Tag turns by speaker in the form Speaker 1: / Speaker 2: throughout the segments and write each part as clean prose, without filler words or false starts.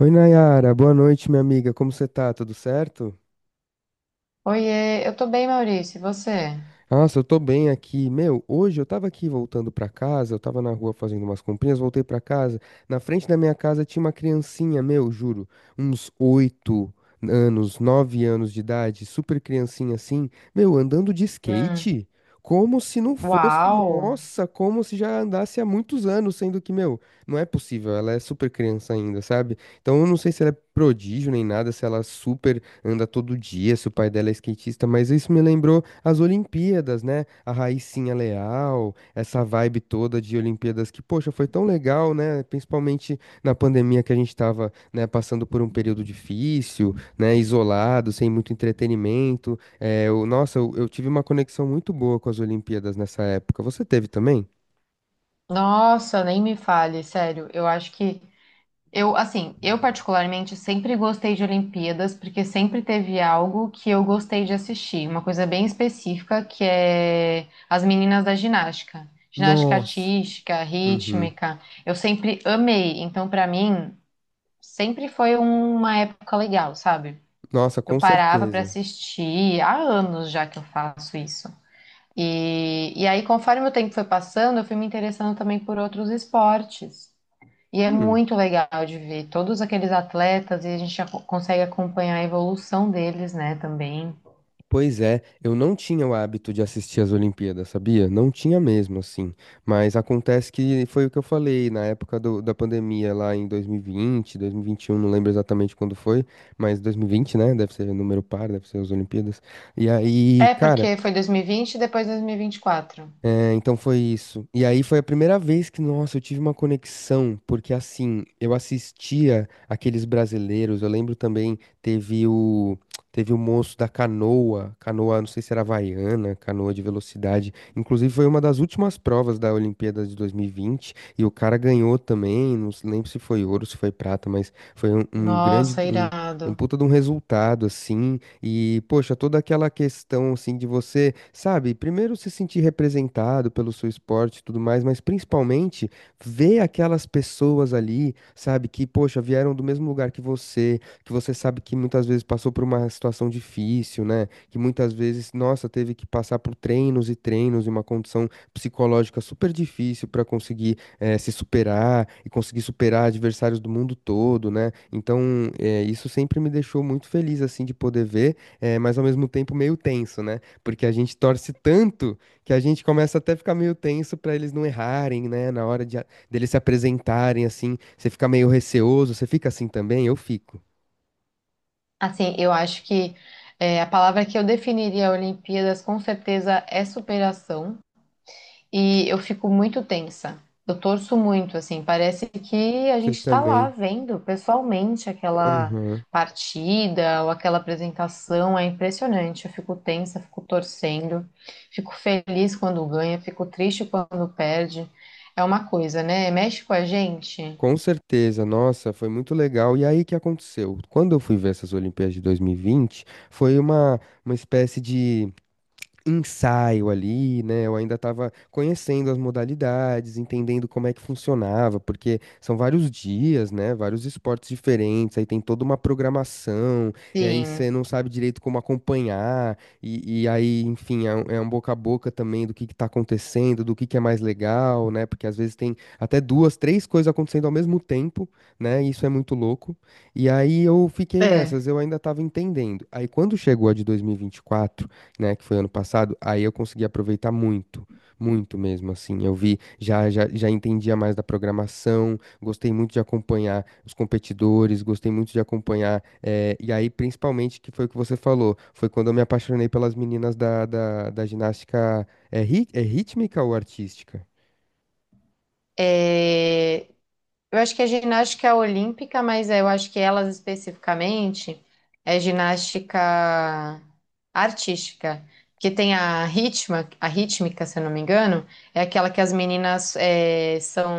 Speaker 1: Oi, Nayara, boa noite, minha amiga. Como você tá? Tudo certo?
Speaker 2: Oiê, eu tô bem, Maurício, e você?
Speaker 1: Nossa, eu tô bem aqui. Meu, hoje eu tava aqui voltando pra casa, eu tava na rua fazendo umas comprinhas, voltei pra casa. Na frente da minha casa tinha uma criancinha, meu, juro, uns oito anos, nove anos de idade, super criancinha assim, meu, andando de
Speaker 2: Hum.
Speaker 1: skate. Como se não fosse,
Speaker 2: Uau!
Speaker 1: nossa, como se já andasse há muitos anos, sendo que, meu, não é possível, ela é super criança ainda, sabe? Então eu não sei se ela é prodígio nem nada, se ela é super anda todo dia, se o pai dela é skatista, mas isso me lembrou as Olimpíadas, né? A Raicinha Leal, essa vibe toda de Olimpíadas que, poxa, foi tão legal, né? Principalmente na pandemia que a gente tava, né, passando por um período difícil, né, isolado, sem muito entretenimento. É, nossa, eu tive uma conexão muito boa com as Olimpíadas nessa época. Você teve também?
Speaker 2: Nossa, nem me fale, sério. Eu acho que eu particularmente sempre gostei de Olimpíadas porque sempre teve algo que eu gostei de assistir, uma coisa bem específica que é as meninas da ginástica
Speaker 1: Nossa.
Speaker 2: artística,
Speaker 1: Uhum.
Speaker 2: rítmica. Eu sempre amei, então pra mim sempre foi uma época legal, sabe?
Speaker 1: Nossa,
Speaker 2: Eu
Speaker 1: com
Speaker 2: parava pra
Speaker 1: certeza.
Speaker 2: assistir há anos já que eu faço isso. E aí, conforme o tempo foi passando, eu fui me interessando também por outros esportes. E é
Speaker 1: Hum.
Speaker 2: muito legal de ver todos aqueles atletas e a gente consegue acompanhar a evolução deles, né, também.
Speaker 1: Pois é, eu não tinha o hábito de assistir as Olimpíadas, sabia? Não tinha mesmo, assim. Mas acontece que foi o que eu falei na época da pandemia, lá em 2020, 2021, não lembro exatamente quando foi, mas 2020, né? Deve ser número par, deve ser as Olimpíadas. E aí,
Speaker 2: É,
Speaker 1: cara,
Speaker 2: porque foi 2020 e vinte e depois 2024.
Speaker 1: é, então foi isso. E aí foi a primeira vez que, nossa, eu tive uma conexão, porque assim, eu assistia aqueles brasileiros, eu lembro também, teve o moço da canoa, canoa, não sei se era havaiana, canoa de velocidade. Inclusive foi uma das últimas provas da Olimpíada de 2020 e vinte, e o cara ganhou também, não lembro se foi ouro, se foi prata, mas foi um grande
Speaker 2: Nossa,
Speaker 1: um
Speaker 2: irado.
Speaker 1: puta de um resultado assim. E, poxa, toda aquela questão, assim, de você, sabe, primeiro se sentir representado pelo seu esporte e tudo mais, mas principalmente ver aquelas pessoas ali, sabe, que, poxa, vieram do mesmo lugar que você sabe que muitas vezes passou por uma situação difícil, né? Que muitas vezes, nossa, teve que passar por treinos e treinos e uma condição psicológica super difícil para conseguir se superar e conseguir superar adversários do mundo todo, né? Então, isso sempre me deixou muito feliz, assim, de poder ver, mas ao mesmo tempo meio tenso, né? Porque a gente torce tanto que a gente começa até a ficar meio tenso para eles não errarem, né? Na hora de, deles se apresentarem, assim, você fica meio receoso, você fica assim também? Eu fico.
Speaker 2: Assim, eu acho que é, a palavra que eu definiria a Olimpíadas com certeza é superação. E eu fico muito tensa. Eu torço muito, assim, parece que a
Speaker 1: Você
Speaker 2: gente está lá
Speaker 1: também.
Speaker 2: vendo pessoalmente aquela
Speaker 1: Aham.
Speaker 2: partida ou aquela apresentação, é impressionante. Eu fico tensa, fico torcendo, fico feliz quando ganha, fico triste quando perde. É uma coisa, né? Mexe com a gente.
Speaker 1: Com certeza, nossa, foi muito legal. E aí, o que aconteceu? Quando eu fui ver essas Olimpíadas de 2020, foi uma espécie de ensaio ali, né? Eu ainda estava conhecendo as modalidades, entendendo como é que funcionava, porque são vários dias, né? Vários esportes diferentes, aí tem toda uma programação, e aí
Speaker 2: Sim.
Speaker 1: você não sabe direito como acompanhar, e aí, enfim, é um boca a boca também do que tá acontecendo, do que é mais legal, né? Porque às vezes tem até duas, três coisas acontecendo ao mesmo tempo, né? Isso é muito louco. E aí eu fiquei
Speaker 2: É.
Speaker 1: nessas, eu ainda estava entendendo. Aí quando chegou a de 2024, né, que foi ano passado, aí eu consegui aproveitar muito, muito mesmo, assim. Eu vi, já entendia mais da programação, gostei muito de acompanhar os competidores, gostei muito de acompanhar, e aí, principalmente, que foi o que você falou, foi quando eu me apaixonei pelas meninas da ginástica, é, é rítmica ou artística?
Speaker 2: É, eu acho que a ginástica é olímpica, mas eu acho que elas especificamente é ginástica artística, que tem a ritma, a rítmica, se eu não me engano, é aquela que as meninas são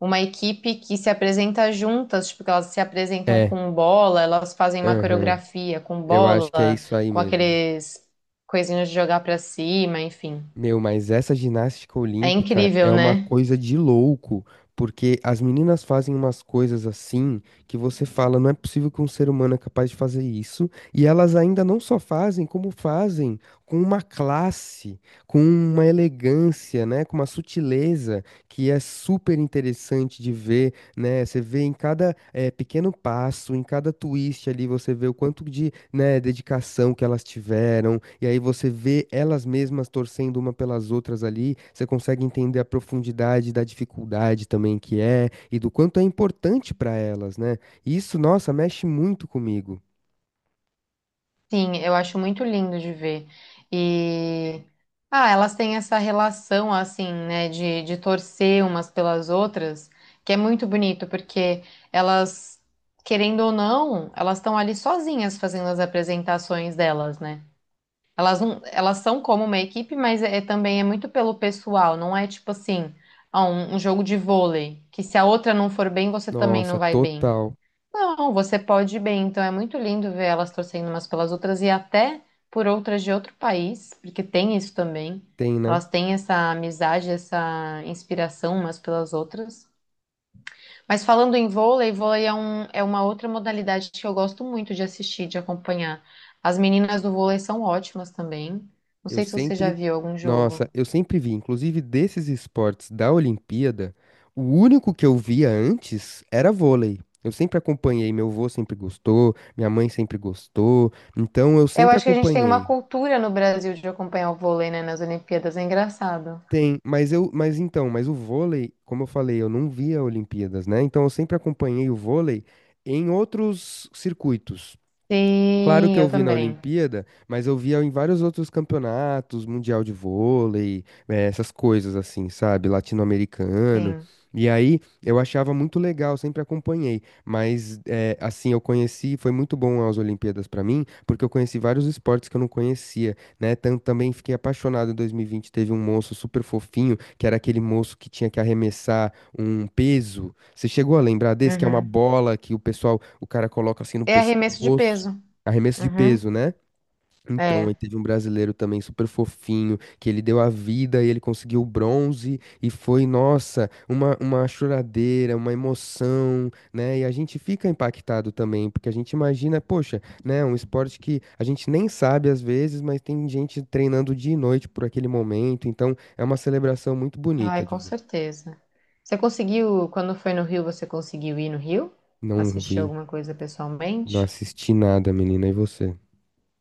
Speaker 2: uma equipe que se apresenta juntas, tipo, que elas se apresentam
Speaker 1: É,
Speaker 2: com bola, elas fazem uma
Speaker 1: aham,
Speaker 2: coreografia com
Speaker 1: eu acho que é
Speaker 2: bola,
Speaker 1: isso aí
Speaker 2: com
Speaker 1: mesmo.
Speaker 2: aqueles coisinhos de jogar pra cima, enfim.
Speaker 1: Meu, mas essa ginástica
Speaker 2: É
Speaker 1: olímpica
Speaker 2: incrível,
Speaker 1: é uma
Speaker 2: né?
Speaker 1: coisa de louco, porque as meninas fazem umas coisas assim que você fala, não é possível que um ser humano é capaz de fazer isso, e elas ainda não só fazem, como fazem com uma classe, com uma elegância, né, com uma sutileza que é super interessante de ver, né? Você vê em cada pequeno passo, em cada twist ali, você vê o quanto de, né, dedicação que elas tiveram, e aí você vê elas mesmas torcendo uma pelas outras ali, você consegue entender a profundidade da dificuldade também que é, e do quanto é importante para elas, né? Isso, nossa, mexe muito comigo.
Speaker 2: Sim, eu acho muito lindo de ver. E ah, elas têm essa relação assim, né, de torcer umas pelas outras, que é muito bonito, porque elas, querendo ou não, elas estão ali sozinhas fazendo as apresentações delas, né? Elas não, elas são como uma equipe, mas é também é muito pelo pessoal, não é tipo assim, ah, um jogo de vôlei, que se a outra não for bem, você também
Speaker 1: Nossa,
Speaker 2: não vai bem.
Speaker 1: total.
Speaker 2: Não, você pode ir bem. Então é muito lindo ver elas torcendo umas pelas outras e até por outras de outro país, porque tem isso também.
Speaker 1: Tem, né?
Speaker 2: Elas têm essa amizade, essa inspiração umas pelas outras. Mas falando em vôlei, é uma outra modalidade que eu gosto muito de assistir, de acompanhar. As meninas do vôlei são ótimas também. Não
Speaker 1: Eu
Speaker 2: sei se você já
Speaker 1: sempre,
Speaker 2: viu algum
Speaker 1: nossa,
Speaker 2: jogo.
Speaker 1: eu sempre vi, inclusive desses esportes da Olimpíada, o único que eu via antes era vôlei. Eu sempre acompanhei, meu avô sempre gostou, minha mãe sempre gostou, então eu
Speaker 2: Eu
Speaker 1: sempre
Speaker 2: acho que a gente tem uma
Speaker 1: acompanhei.
Speaker 2: cultura no Brasil de acompanhar o vôlei, né, nas Olimpíadas. É engraçado.
Speaker 1: Tem, mas o vôlei, como eu falei, eu não via Olimpíadas, né? Então eu sempre acompanhei o vôlei em outros circuitos. Claro que
Speaker 2: Sim,
Speaker 1: eu
Speaker 2: eu
Speaker 1: vi na
Speaker 2: também.
Speaker 1: Olimpíada, mas eu via em vários outros campeonatos, Mundial de Vôlei, essas coisas assim, sabe? Latino-americano.
Speaker 2: Sim.
Speaker 1: E aí eu achava muito legal, sempre acompanhei. Mas assim, eu conheci, foi muito bom as Olimpíadas pra mim, porque eu conheci vários esportes que eu não conhecia, né? Também fiquei apaixonado em 2020, teve um moço super fofinho, que era aquele moço que tinha que arremessar um peso. Você chegou a lembrar desse, que é uma
Speaker 2: Uhum.
Speaker 1: bola que o pessoal, o cara coloca assim no
Speaker 2: É arremesso de
Speaker 1: pescoço?
Speaker 2: peso.
Speaker 1: Arremesso de
Speaker 2: Uhum.
Speaker 1: peso, né? Então,
Speaker 2: É.
Speaker 1: aí teve um brasileiro também super fofinho, que ele deu a vida e ele conseguiu o bronze, e foi, nossa, uma choradeira, uma emoção, né? E a gente fica impactado também, porque a gente imagina, poxa, né? Um esporte que a gente nem sabe às vezes, mas tem gente treinando dia e noite por aquele momento, então é uma celebração muito bonita
Speaker 2: Ai,
Speaker 1: de
Speaker 2: com
Speaker 1: ver.
Speaker 2: certeza. Você conseguiu, quando foi no Rio, você conseguiu ir no Rio?
Speaker 1: Não
Speaker 2: Assistir
Speaker 1: vi,
Speaker 2: alguma coisa
Speaker 1: não
Speaker 2: pessoalmente?
Speaker 1: assisti nada, menina, e você?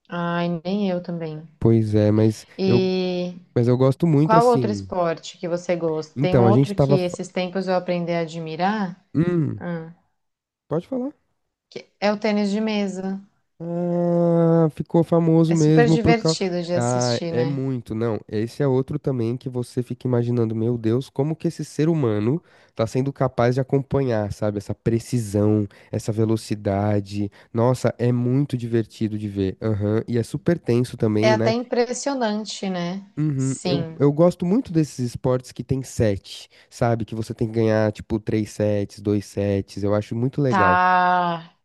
Speaker 2: Ai, nem eu também.
Speaker 1: Pois é, mas eu,
Speaker 2: E
Speaker 1: mas eu gosto muito
Speaker 2: qual outro
Speaker 1: assim.
Speaker 2: esporte que você gosta? Tem
Speaker 1: Então,
Speaker 2: um
Speaker 1: a gente
Speaker 2: outro que
Speaker 1: tava.
Speaker 2: esses tempos eu aprendi a admirar.
Speaker 1: Hum,
Speaker 2: Ah,
Speaker 1: pode falar.
Speaker 2: é o tênis de mesa.
Speaker 1: Ah, ficou
Speaker 2: É
Speaker 1: famoso
Speaker 2: super
Speaker 1: mesmo pro cal...
Speaker 2: divertido de
Speaker 1: Ah,
Speaker 2: assistir,
Speaker 1: é
Speaker 2: né?
Speaker 1: muito, não. Esse é outro também que você fica imaginando, meu Deus, como que esse ser humano tá sendo capaz de acompanhar, sabe? Essa precisão, essa velocidade. Nossa, é muito divertido de ver. Aham. E é super tenso
Speaker 2: É
Speaker 1: também,
Speaker 2: até
Speaker 1: né?
Speaker 2: impressionante, né?
Speaker 1: Uhum. Eu,
Speaker 2: Sim.
Speaker 1: eu gosto muito desses esportes que tem sete, sabe? Que você tem que ganhar, tipo, três sets, dois sets. Eu acho muito legal.
Speaker 2: Tá.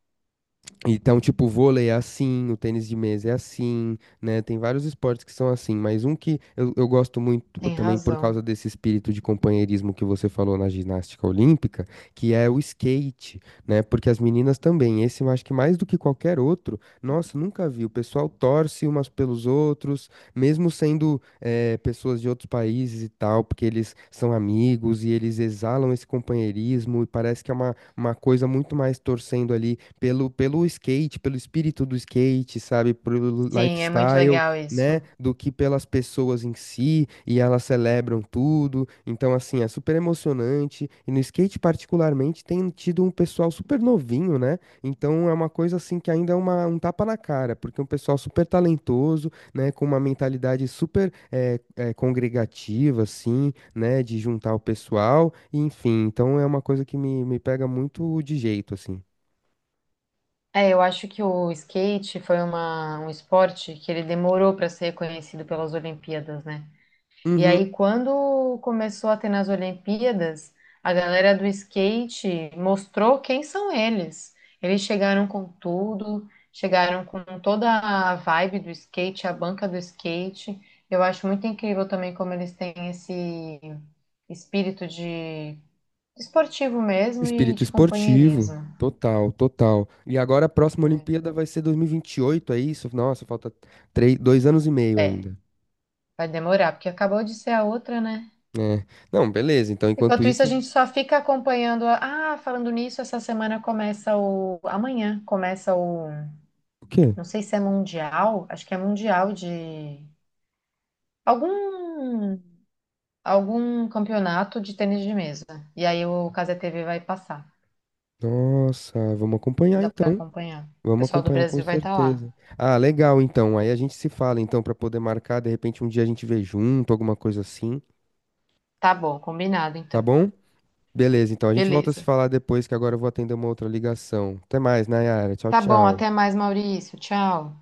Speaker 1: Então, tipo, o vôlei é assim, o tênis de mesa é assim, né? Tem vários esportes que são assim, mas um que eu gosto muito
Speaker 2: Tem
Speaker 1: também por
Speaker 2: razão.
Speaker 1: causa desse espírito de companheirismo que você falou na ginástica olímpica, que é o skate, né? Porque as meninas também, esse eu acho que mais do que qualquer outro, nossa, nunca vi. O pessoal torce umas pelos outros, mesmo sendo pessoas de outros países e tal, porque eles são amigos e eles exalam esse companheirismo e parece que é uma coisa muito mais torcendo ali pelo skate, pelo espírito do skate, sabe, pelo
Speaker 2: Sim, é muito
Speaker 1: lifestyle,
Speaker 2: legal
Speaker 1: né,
Speaker 2: isso.
Speaker 1: do que pelas pessoas em si, e elas celebram tudo. Então, assim, é super emocionante. E no skate, particularmente, tem tido um pessoal super novinho, né? Então, é uma coisa, assim, que ainda é uma, um tapa na cara, porque é um pessoal super talentoso, né, com uma mentalidade super congregativa, assim, né, de juntar o pessoal, enfim. Então, é uma coisa que me pega muito de jeito, assim.
Speaker 2: É, eu acho que o skate foi um esporte que ele demorou para ser reconhecido pelas Olimpíadas, né? E
Speaker 1: Uhum.
Speaker 2: aí, quando começou a ter nas Olimpíadas, a galera do skate mostrou quem são eles. Eles chegaram com tudo, chegaram com toda a vibe do skate, a banca do skate. Eu acho muito incrível também como eles têm esse espírito de esportivo mesmo e
Speaker 1: Espírito
Speaker 2: de
Speaker 1: esportivo,
Speaker 2: companheirismo.
Speaker 1: total, total. E agora a próxima
Speaker 2: Né?
Speaker 1: Olimpíada vai ser 2028, é isso? Nossa, falta três, dois anos e meio
Speaker 2: É.
Speaker 1: ainda.
Speaker 2: Vai demorar, porque acabou de ser a outra, né?
Speaker 1: É. Não, beleza. Então, enquanto
Speaker 2: Enquanto isso, a
Speaker 1: isso,
Speaker 2: gente só fica acompanhando. Ah, falando nisso, essa semana começa o. Amanhã começa o.
Speaker 1: o quê?
Speaker 2: Não sei se é mundial, acho que é mundial de. Algum. Algum campeonato de tênis de mesa. E aí o Cazé TV vai passar.
Speaker 1: Nossa, vamos acompanhar
Speaker 2: Dá pra
Speaker 1: então.
Speaker 2: acompanhar. O
Speaker 1: Vamos
Speaker 2: pessoal do
Speaker 1: acompanhar com
Speaker 2: Brasil vai estar lá.
Speaker 1: certeza. Ah, legal então. Aí a gente se fala então para poder marcar, de repente um dia a gente vê junto, alguma coisa assim,
Speaker 2: Tá bom, combinado
Speaker 1: tá
Speaker 2: então.
Speaker 1: bom? Beleza, então a gente volta a se
Speaker 2: Beleza.
Speaker 1: falar depois que agora eu vou atender uma outra ligação. Até mais, Nayara. Tchau,
Speaker 2: Tá bom,
Speaker 1: tchau.
Speaker 2: até mais, Maurício. Tchau.